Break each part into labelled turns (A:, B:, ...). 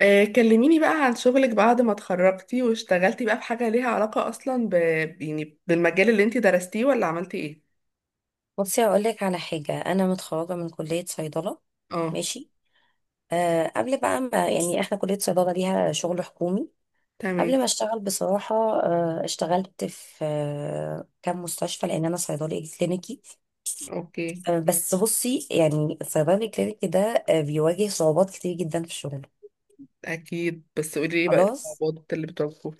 A: كلميني بقى عن شغلك بعد ما اتخرجتي واشتغلتي بقى بحاجة ليها علاقة أصلا يعني بالمجال اللي انتي درستيه ولا عملتي ايه؟
B: بصي، هقول لك على حاجة. أنا متخرجة من كلية صيدلة.
A: اه.
B: ماشي. قبل بقى ما يعني إحنا كلية صيدلة ليها شغل حكومي.
A: تمام.
B: قبل ما أشتغل بصراحة، اشتغلت في كام مستشفى لأن أنا صيدلي كلينيكي.
A: اوكي.
B: بس بصي، يعني الصيدلي الكلينيكي ده بيواجه صعوبات كتير جدا في شغله.
A: أكيد، بس قولي ايه بقى
B: خلاص.
A: الصعوبات اللي بتواجهوها.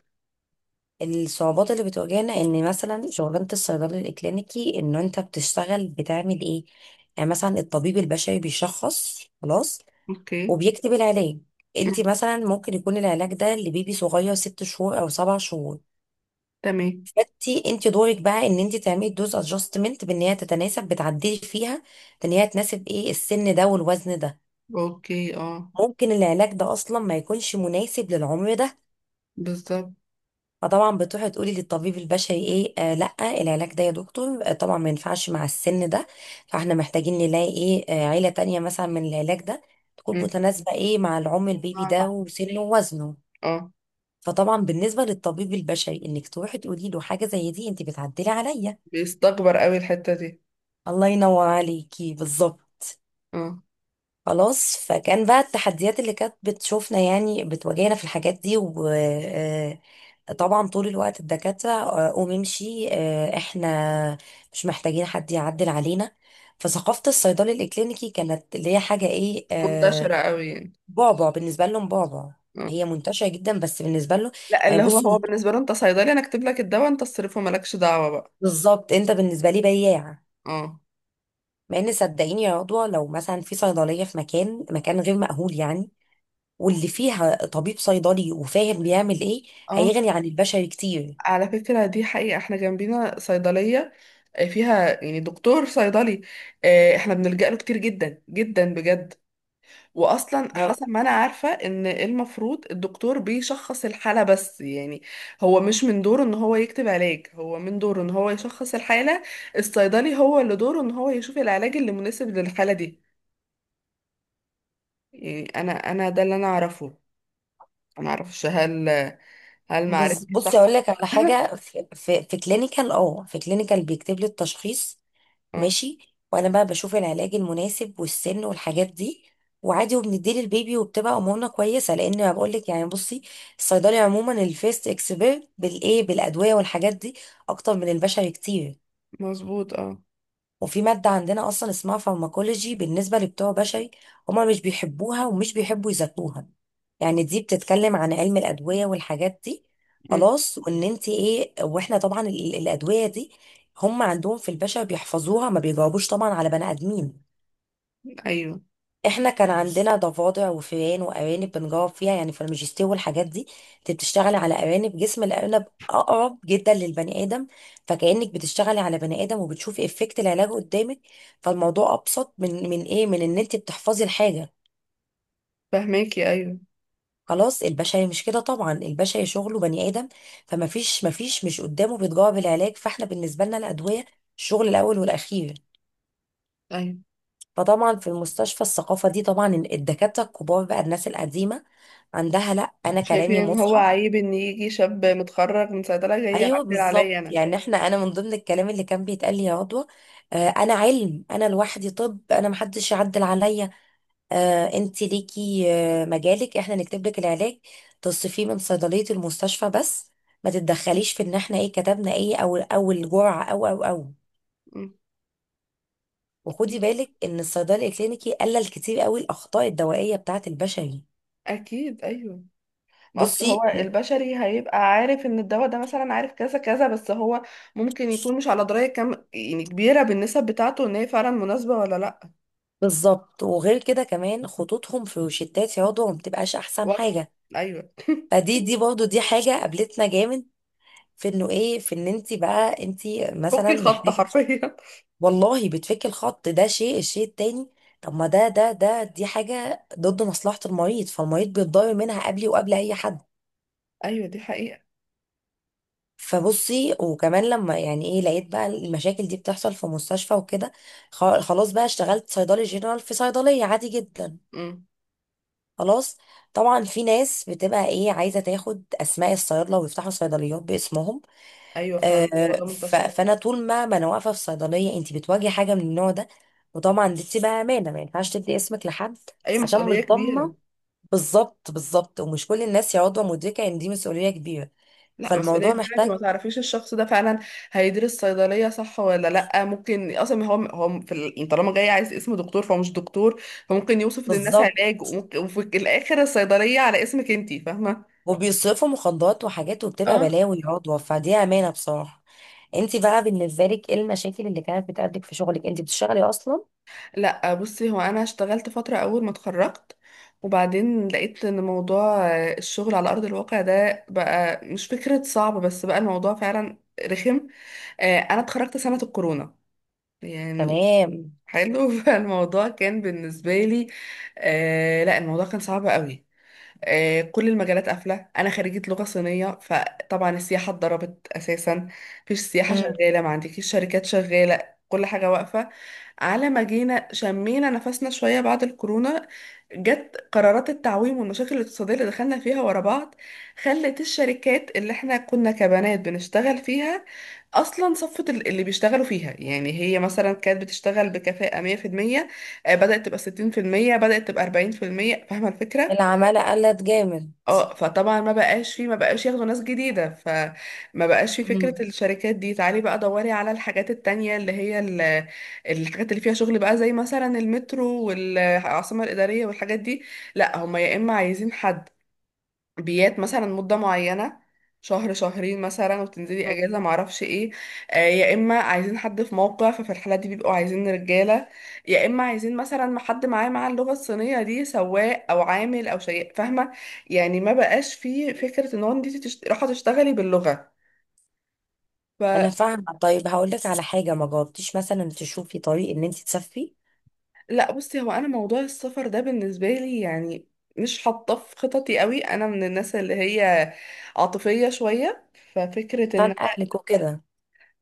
B: الصعوبات اللي بتواجهنا إن مثلا شغلانة الصيدلي الكلينيكي، إن أنت بتشتغل بتعمل إيه؟ يعني مثلا الطبيب البشري بيشخص خلاص
A: اوكي.
B: وبيكتب العلاج. انت
A: مم.
B: مثلا ممكن يكون العلاج ده لبيبي صغير ست شهور او سبع شهور.
A: تمام.
B: فانت دورك بقى ان انت تعملي دوز ادجستمنت بان هي تتناسب، بتعدلي فيها بان هي تناسب ايه السن ده والوزن ده.
A: اوكي. اه.
B: ممكن العلاج ده اصلا ما يكونش مناسب للعمر ده.
A: بالظبط.
B: فطبعا بتروحي تقولي للطبيب البشري ايه، لا، العلاج ده يا دكتور طبعا ما ينفعش مع السن ده. فاحنا محتاجين نلاقي ايه، عيلة تانية مثلا من العلاج ده تكون
A: مم.
B: متناسبة ايه مع العمر البيبي ده وسنه ووزنه.
A: اه.
B: فطبعا بالنسبة للطبيب البشري، انك تروحي تقولي له حاجة زي دي، انت بتعدلي عليا.
A: بيستكبر قوي الحتة دي.
B: الله ينور عليكي، بالظبط.
A: اه.
B: خلاص. فكان بقى التحديات اللي كانت بتشوفنا يعني بتواجهنا في الحاجات دي، و طبعا طول الوقت الدكاترة قوم امشي، احنا مش محتاجين حد يعدل علينا. فثقافة الصيدلي الإكلينيكي كانت اللي هي حاجة ايه،
A: منتشرة قوي يعني.
B: بعبع بالنسبة لهم، بعبع.
A: اه.
B: هي منتشرة جدا بس بالنسبة له.
A: لا،
B: يعني
A: اللي هو هو
B: بصي،
A: بالنسبة له انت صيدلي، انا اكتب لك الدواء انت تصرفه مالكش دعوة بقى.
B: بالظبط، انت بالنسبة لي بياع.
A: اه.
B: مع ان صدقيني يا عضوة، لو مثلا في صيدلية في مكان غير مأهول يعني، واللي فيها طبيب صيدلي وفاهم بيعمل ايه،
A: اه.
B: هيغني عن البشري كتير.
A: على فكرة دي حقيقة، احنا جنبينا صيدلية فيها يعني دكتور صيدلي، احنا بنلجأ له كتير جدا جدا بجد. واصلا
B: ما-
A: حسب ما انا عارفة ان المفروض الدكتور بيشخص الحالة بس يعني هو مش من دوره ان هو يكتب علاج، هو من دوره ان هو يشخص الحالة. الصيدلي هو اللي دوره ان هو يشوف العلاج اللي مناسب للحالة دي. يعني انا ده اللي انا اعرفه. انا اعرفش هل معرفتي
B: بصي
A: صح.
B: اقول لك على حاجة، في كلينيكال بيكتب لي التشخيص.
A: اه.
B: ماشي. وانا بقى بشوف العلاج المناسب والسن والحاجات دي، وعادي وبنديه للبيبي وبتبقى امورنا كويسه. لان انا بقول لك يعني بصي، الصيدلي عموما الفيست اكسبيرت بالايه، بالادويه والحاجات دي، اكتر من البشري كتير.
A: مظبوط، اه.
B: وفي مادة عندنا أصلا اسمها فارماكولوجي، بالنسبة لبتوع بشري هما مش بيحبوها ومش بيحبوا يذاكروها، يعني دي بتتكلم عن علم الأدوية والحاجات دي.
A: مم،
B: خلاص. وإن أنت إيه، وإحنا طبعا الأدوية دي هم عندهم في البشر بيحفظوها، ما بيجاوبوش طبعا على بني آدمين.
A: ايوه.
B: احنا كان عندنا ضفادع وفئران وارانب بنجاوب فيها يعني في الماجستير والحاجات دي. انت بتشتغلي على ارانب، جسم الارنب اقرب جدا للبني ادم، فكانك بتشتغلي على بني ادم وبتشوفي افكت العلاج قدامك. فالموضوع ابسط من ايه، من ان انت بتحفظي الحاجه.
A: فهماكي، ايوه.
B: خلاص. البشري مش كده طبعا، البشري شغله بني ادم، فما فيش، مش قدامه بيتجاوب العلاج، فاحنا بالنسبه لنا الادويه الشغل الاول والاخير.
A: ايوه،
B: فطبعا في المستشفى الثقافة دي طبعا، الدكاترة الكبار بقى الناس القديمة عندها، لا أنا
A: شايفين
B: كلامي
A: ان هو
B: مصحى.
A: عيب ان يجي شاب متخرج من صيدله جاي
B: أيوه
A: يعدل عليا
B: بالظبط،
A: انا.
B: يعني احنا، أنا من ضمن الكلام اللي كان بيتقال لي يا عضوة، أنا علم، أنا لوحدي، طب أنا محدش يعدل عليا، أنت ليكي مجالك، احنا نكتب لك العلاج تصرفيه من صيدلية المستشفى بس، ما تتدخليش في إن احنا إيه كتبنا، إيه أو الجرعة أو أو.
A: م.
B: وخدي بالك إن الصيدلي الكلينيكي قلل كتير قوي الأخطاء الدوائية بتاعة البشري.
A: اكيد، ايوه. ما اصل
B: بصي
A: هو البشري هيبقى عارف ان الدواء ده مثلا، عارف كذا كذا، بس هو ممكن يكون مش على درايه كام يعني كبيره بالنسب بتاعته، ان هي فعلا مناسبه ولا لا.
B: بالظبط، وغير كده كمان خطوطهم في روشتات في عضو ما بتبقاش احسن
A: واضحه.
B: حاجه.
A: ايوه،
B: فدي برضو دي حاجه قابلتنا جامد، في انه ايه، في ان انت بقى انت
A: فك
B: مثلا
A: الخط
B: محتاجه،
A: حرفيا.
B: والله بتفك الخط ده شيء. الشيء التاني، طب ما ده ده ده دي حاجه ضد مصلحه المريض، فالمريض بيتضرر منها قبلي وقبل اي حد.
A: ايوه، دي حقيقه.
B: فبصي، وكمان لما يعني ايه لقيت بقى المشاكل دي بتحصل في مستشفى وكده، خلاص بقى اشتغلت صيدلي جنرال في صيدليه عادي جدا.
A: امم.
B: خلاص. طبعا في ناس بتبقى ايه عايزه تاخد اسماء الصيادله ويفتحوا صيدليات باسمهم.
A: ايوه، فعلا
B: آه
A: الموضوع ده منتشر.
B: فانا طول ما انا واقفه في صيدليه، انت بتواجهي حاجه من النوع ده، وطبعا دي بتبقى امانه، ما ينفعش تدي اسمك لحد،
A: اي
B: عشان
A: مسؤوليه
B: مش
A: كبيره.
B: ضامنه. بالظبط، بالظبط، ومش كل الناس يا عضوه مدركه ان دي مسؤوليه كبيره.
A: لا، مسؤولية
B: فالموضوع
A: ان انت ما
B: محتاج.
A: تعرفيش الشخص ده فعلا هيدرس صيدلية صح ولا لا. ممكن اصلا يعني طالما جاي عايز اسم دكتور فهو مش دكتور، فممكن يوصف للناس
B: بالظبط،
A: علاج، وفي الاخر الصيدلية على اسمك، انت فاهمة.
B: وبيصرفوا مخدرات وحاجات وبتبقى
A: اه.
B: بلاوي يا عضوه، فدي امانه بصراحه. انت بقى بالنسبه لك ايه المشاكل اللي كانت بتقابلك في شغلك؟ انت بتشتغلي اصلا؟
A: لا بصي، هو انا اشتغلت فترة اول ما اتخرجت، وبعدين لقيت ان موضوع الشغل على ارض الواقع ده بقى مش فكرة صعب، بس بقى الموضوع فعلا رخم. انا اتخرجت سنة الكورونا يعني.
B: تمام.
A: حلو. فالموضوع كان بالنسبة لي لا، الموضوع كان صعب قوي. كل المجالات قافلة. أنا خريجة لغة صينية، فطبعا السياحة اتضربت أساسا. مفيش سياحة
B: مم.
A: شغالة، ما عندكيش شركات شغالة، كل حاجة واقفة. على ما جينا شمينا نفسنا شوية بعد الكورونا جت قرارات التعويم والمشاكل الاقتصادية اللي دخلنا فيها ورا بعض، خلت الشركات اللي احنا كنا كبنات بنشتغل فيها أصلا صفت اللي بيشتغلوا فيها. يعني هي مثلا كانت بتشتغل بكفاءة 100%، بدأت تبقى 60%، بدأت تبقى 40%. فاهمة الفكرة؟
B: العمالة قلت جامد.
A: اه، فطبعا ما بقاش ياخدوا ناس جديدة. فما بقاش فيه فكرة
B: مم.
A: الشركات دي. تعالي بقى دوري على الحاجات التانية اللي هي الحاجات اللي فيها شغل بقى زي مثلا المترو والعاصمة الإدارية والحاجات دي. لا هما يا إما عايزين حد بيات مثلا مدة معينة، شهر شهرين مثلا، وتنزلي
B: مم.
A: اجازة معرفش ايه. يا اما عايزين حد في موقع، ففي الحالة دي بيبقوا عايزين رجالة. يا اما عايزين مثلا حد معاه مع اللغة الصينية دي سواق او عامل او شيء، فاهمة يعني. ما بقاش فيه فكرة ان هو انت رايحة تشتغلي باللغة، فلا.
B: انا فاهمة. طيب هقول لك على حاجة، ما جربتيش مثلا تشوفي طريق ان انت تسافري؟
A: بصي، هو انا موضوع السفر ده بالنسبة لي يعني مش حاطاه في خططي قوي. انا من الناس اللي هي عاطفية شوية. ففكرة ان
B: عشان اهلك وكده.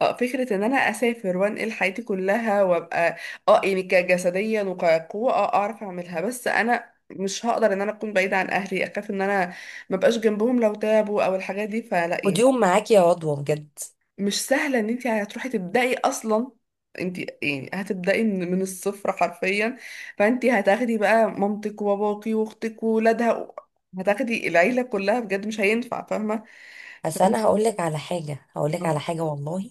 A: اه فكرة ان انا اسافر وانقل حياتي كلها وابقى، اه يعني كجسديا وكقوة اعرف اعملها، بس انا مش هقدر ان انا اكون بعيدة عن اهلي. اخاف ان انا مبقاش جنبهم لو تعبوا او الحاجات دي، فلا
B: خدي
A: يعني.
B: يوم معاكي يا رضوى بجد.
A: مش سهلة ان انت هتروحي تبدأي اصلا، انت يعني هتبدأي من الصفر حرفيا. فانت هتاخدي بقى مامتك وباباكي واختك وولادها، هتاخدي العيلة كلها بجد مش هينفع، فاهمة.
B: بس
A: فانت
B: انا هقول لك على حاجة، هقول لك على حاجة والله.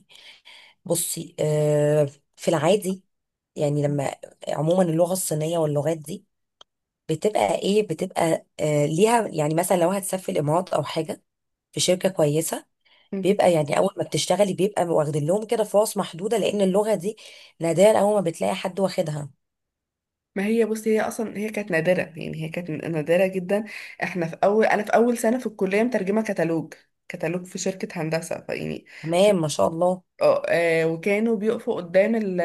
B: بصي، في العادي، يعني لما، عموما اللغة الصينية واللغات دي بتبقى ليها، يعني مثلا لو هتسافري الامارات او حاجة في شركة كويسة،
A: آه.
B: بيبقى يعني اول ما بتشتغلي بيبقى واخدين لهم كده فرص محدوده، لان اللغه دي نادرا اول ما بتلاقي حد واخدها.
A: ما هي بصي، هي اصلا كانت نادره، يعني هي كانت نادره جدا. احنا في اول انا في اول سنه في الكليه مترجمه كتالوج في شركه هندسه، فيعني ش-
B: تمام، ما شاء الله.
A: وكانوا بيقفوا قدام ال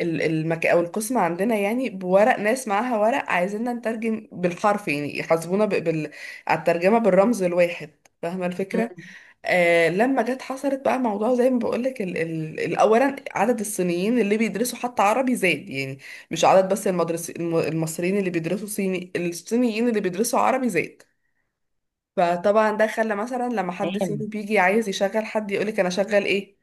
A: ال- المك او القسم عندنا يعني بورق. ناس معاها ورق عايزيننا نترجم بالحرف، يعني يحاسبونا ب- بال على الترجمه بالرمز الواحد. فاهمه الفكره.
B: مم.
A: لما جت حصلت بقى موضوع زي ما بقولك، اولا عدد الصينيين اللي بيدرسوا حتى عربي زاد، يعني مش عدد بس. المصريين اللي بيدرسوا صيني الصينيين اللي بيدرسوا عربي زاد. فطبعا ده خلى مثلا لما حد صيني
B: تمام.
A: بيجي عايز يشغل حد يقولك انا شغل ايه،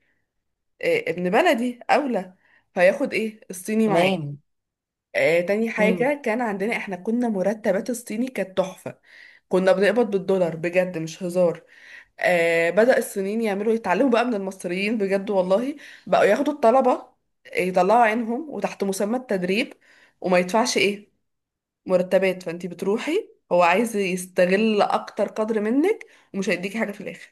A: ابن بلدي اولى، فياخد ايه الصيني معاه.
B: تمام.
A: تاني
B: مم.
A: حاجة، كان عندنا احنا كنا مرتبات الصيني كانت تحفة، كنا بنقبض بالدولار بجد مش هزار. بدأ الصينيين يعملوا يتعلموا بقى من المصريين بجد والله. بقوا ياخدوا الطلبة يطلعوا عينهم وتحت مسمى التدريب، وما يدفعش ايه مرتبات. فانتي بتروحي، هو عايز يستغل اكتر قدر منك، ومش هيديكي حاجة في الاخر.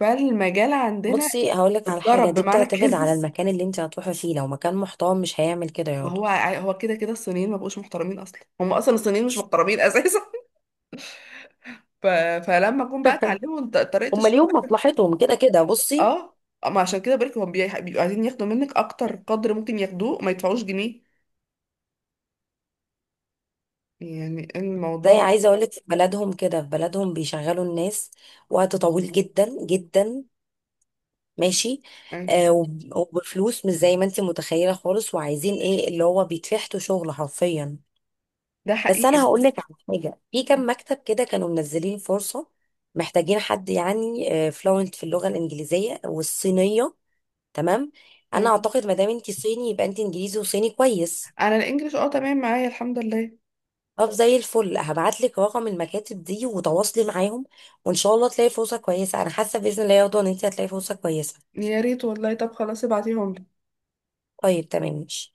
A: فالمجال عندنا
B: بصي، هقول لك على حاجه،
A: اتضرب
B: دي
A: بمعنى
B: بتعتمد على
A: الكلمة.
B: المكان اللي انت هتروحي فيه، لو مكان محترم مش هيعمل كده
A: ما
B: ياض.
A: هو هو كده كده الصينيين ما بقوش محترمين، اصلا هم اصلا الصينيين مش محترمين اساسا. ف... فلما جم بقى اتعلموا طريقة
B: هما
A: الشغل.
B: ليهم مصلحتهم كده كده بصي.
A: اه. ما عشان كده بقولك هم بيبقوا عايزين ياخدوا منك اكتر قدر ممكن ياخدوه، ما يدفعوش جنيه. يعني الموضوع
B: زي عايزه اقول لك، في بلدهم كده، في بلدهم بيشغلوا الناس وقت طويل جدا جدا، ماشي،
A: يعني
B: وبفلوس مش زي ما انت متخيله خالص، وعايزين ايه، اللي هو بيتفحتوا شغل حرفيا.
A: ده
B: بس
A: حقيقي.
B: انا هقول لك على حاجه، في كام مكتب كده كانوا منزلين فرصه، محتاجين حد يعني فلوينت في اللغه الانجليزيه والصينيه. تمام. انا
A: تمام.
B: اعتقد ما دام انت صيني يبقى انت انجليزي وصيني كويس.
A: انا الانجليش تمام معايا، الحمد لله.
B: طب زي الفل، هبعت لك رقم المكاتب دي وتواصلي معاهم، وان شاء الله تلاقي فرصه كويسه. انا حاسه باذن الله يا رضوى ان انت هتلاقي فرصه كويسه.
A: يا ريت والله، طب خلاص ابعتيهم.
B: طيب تمام ماشي.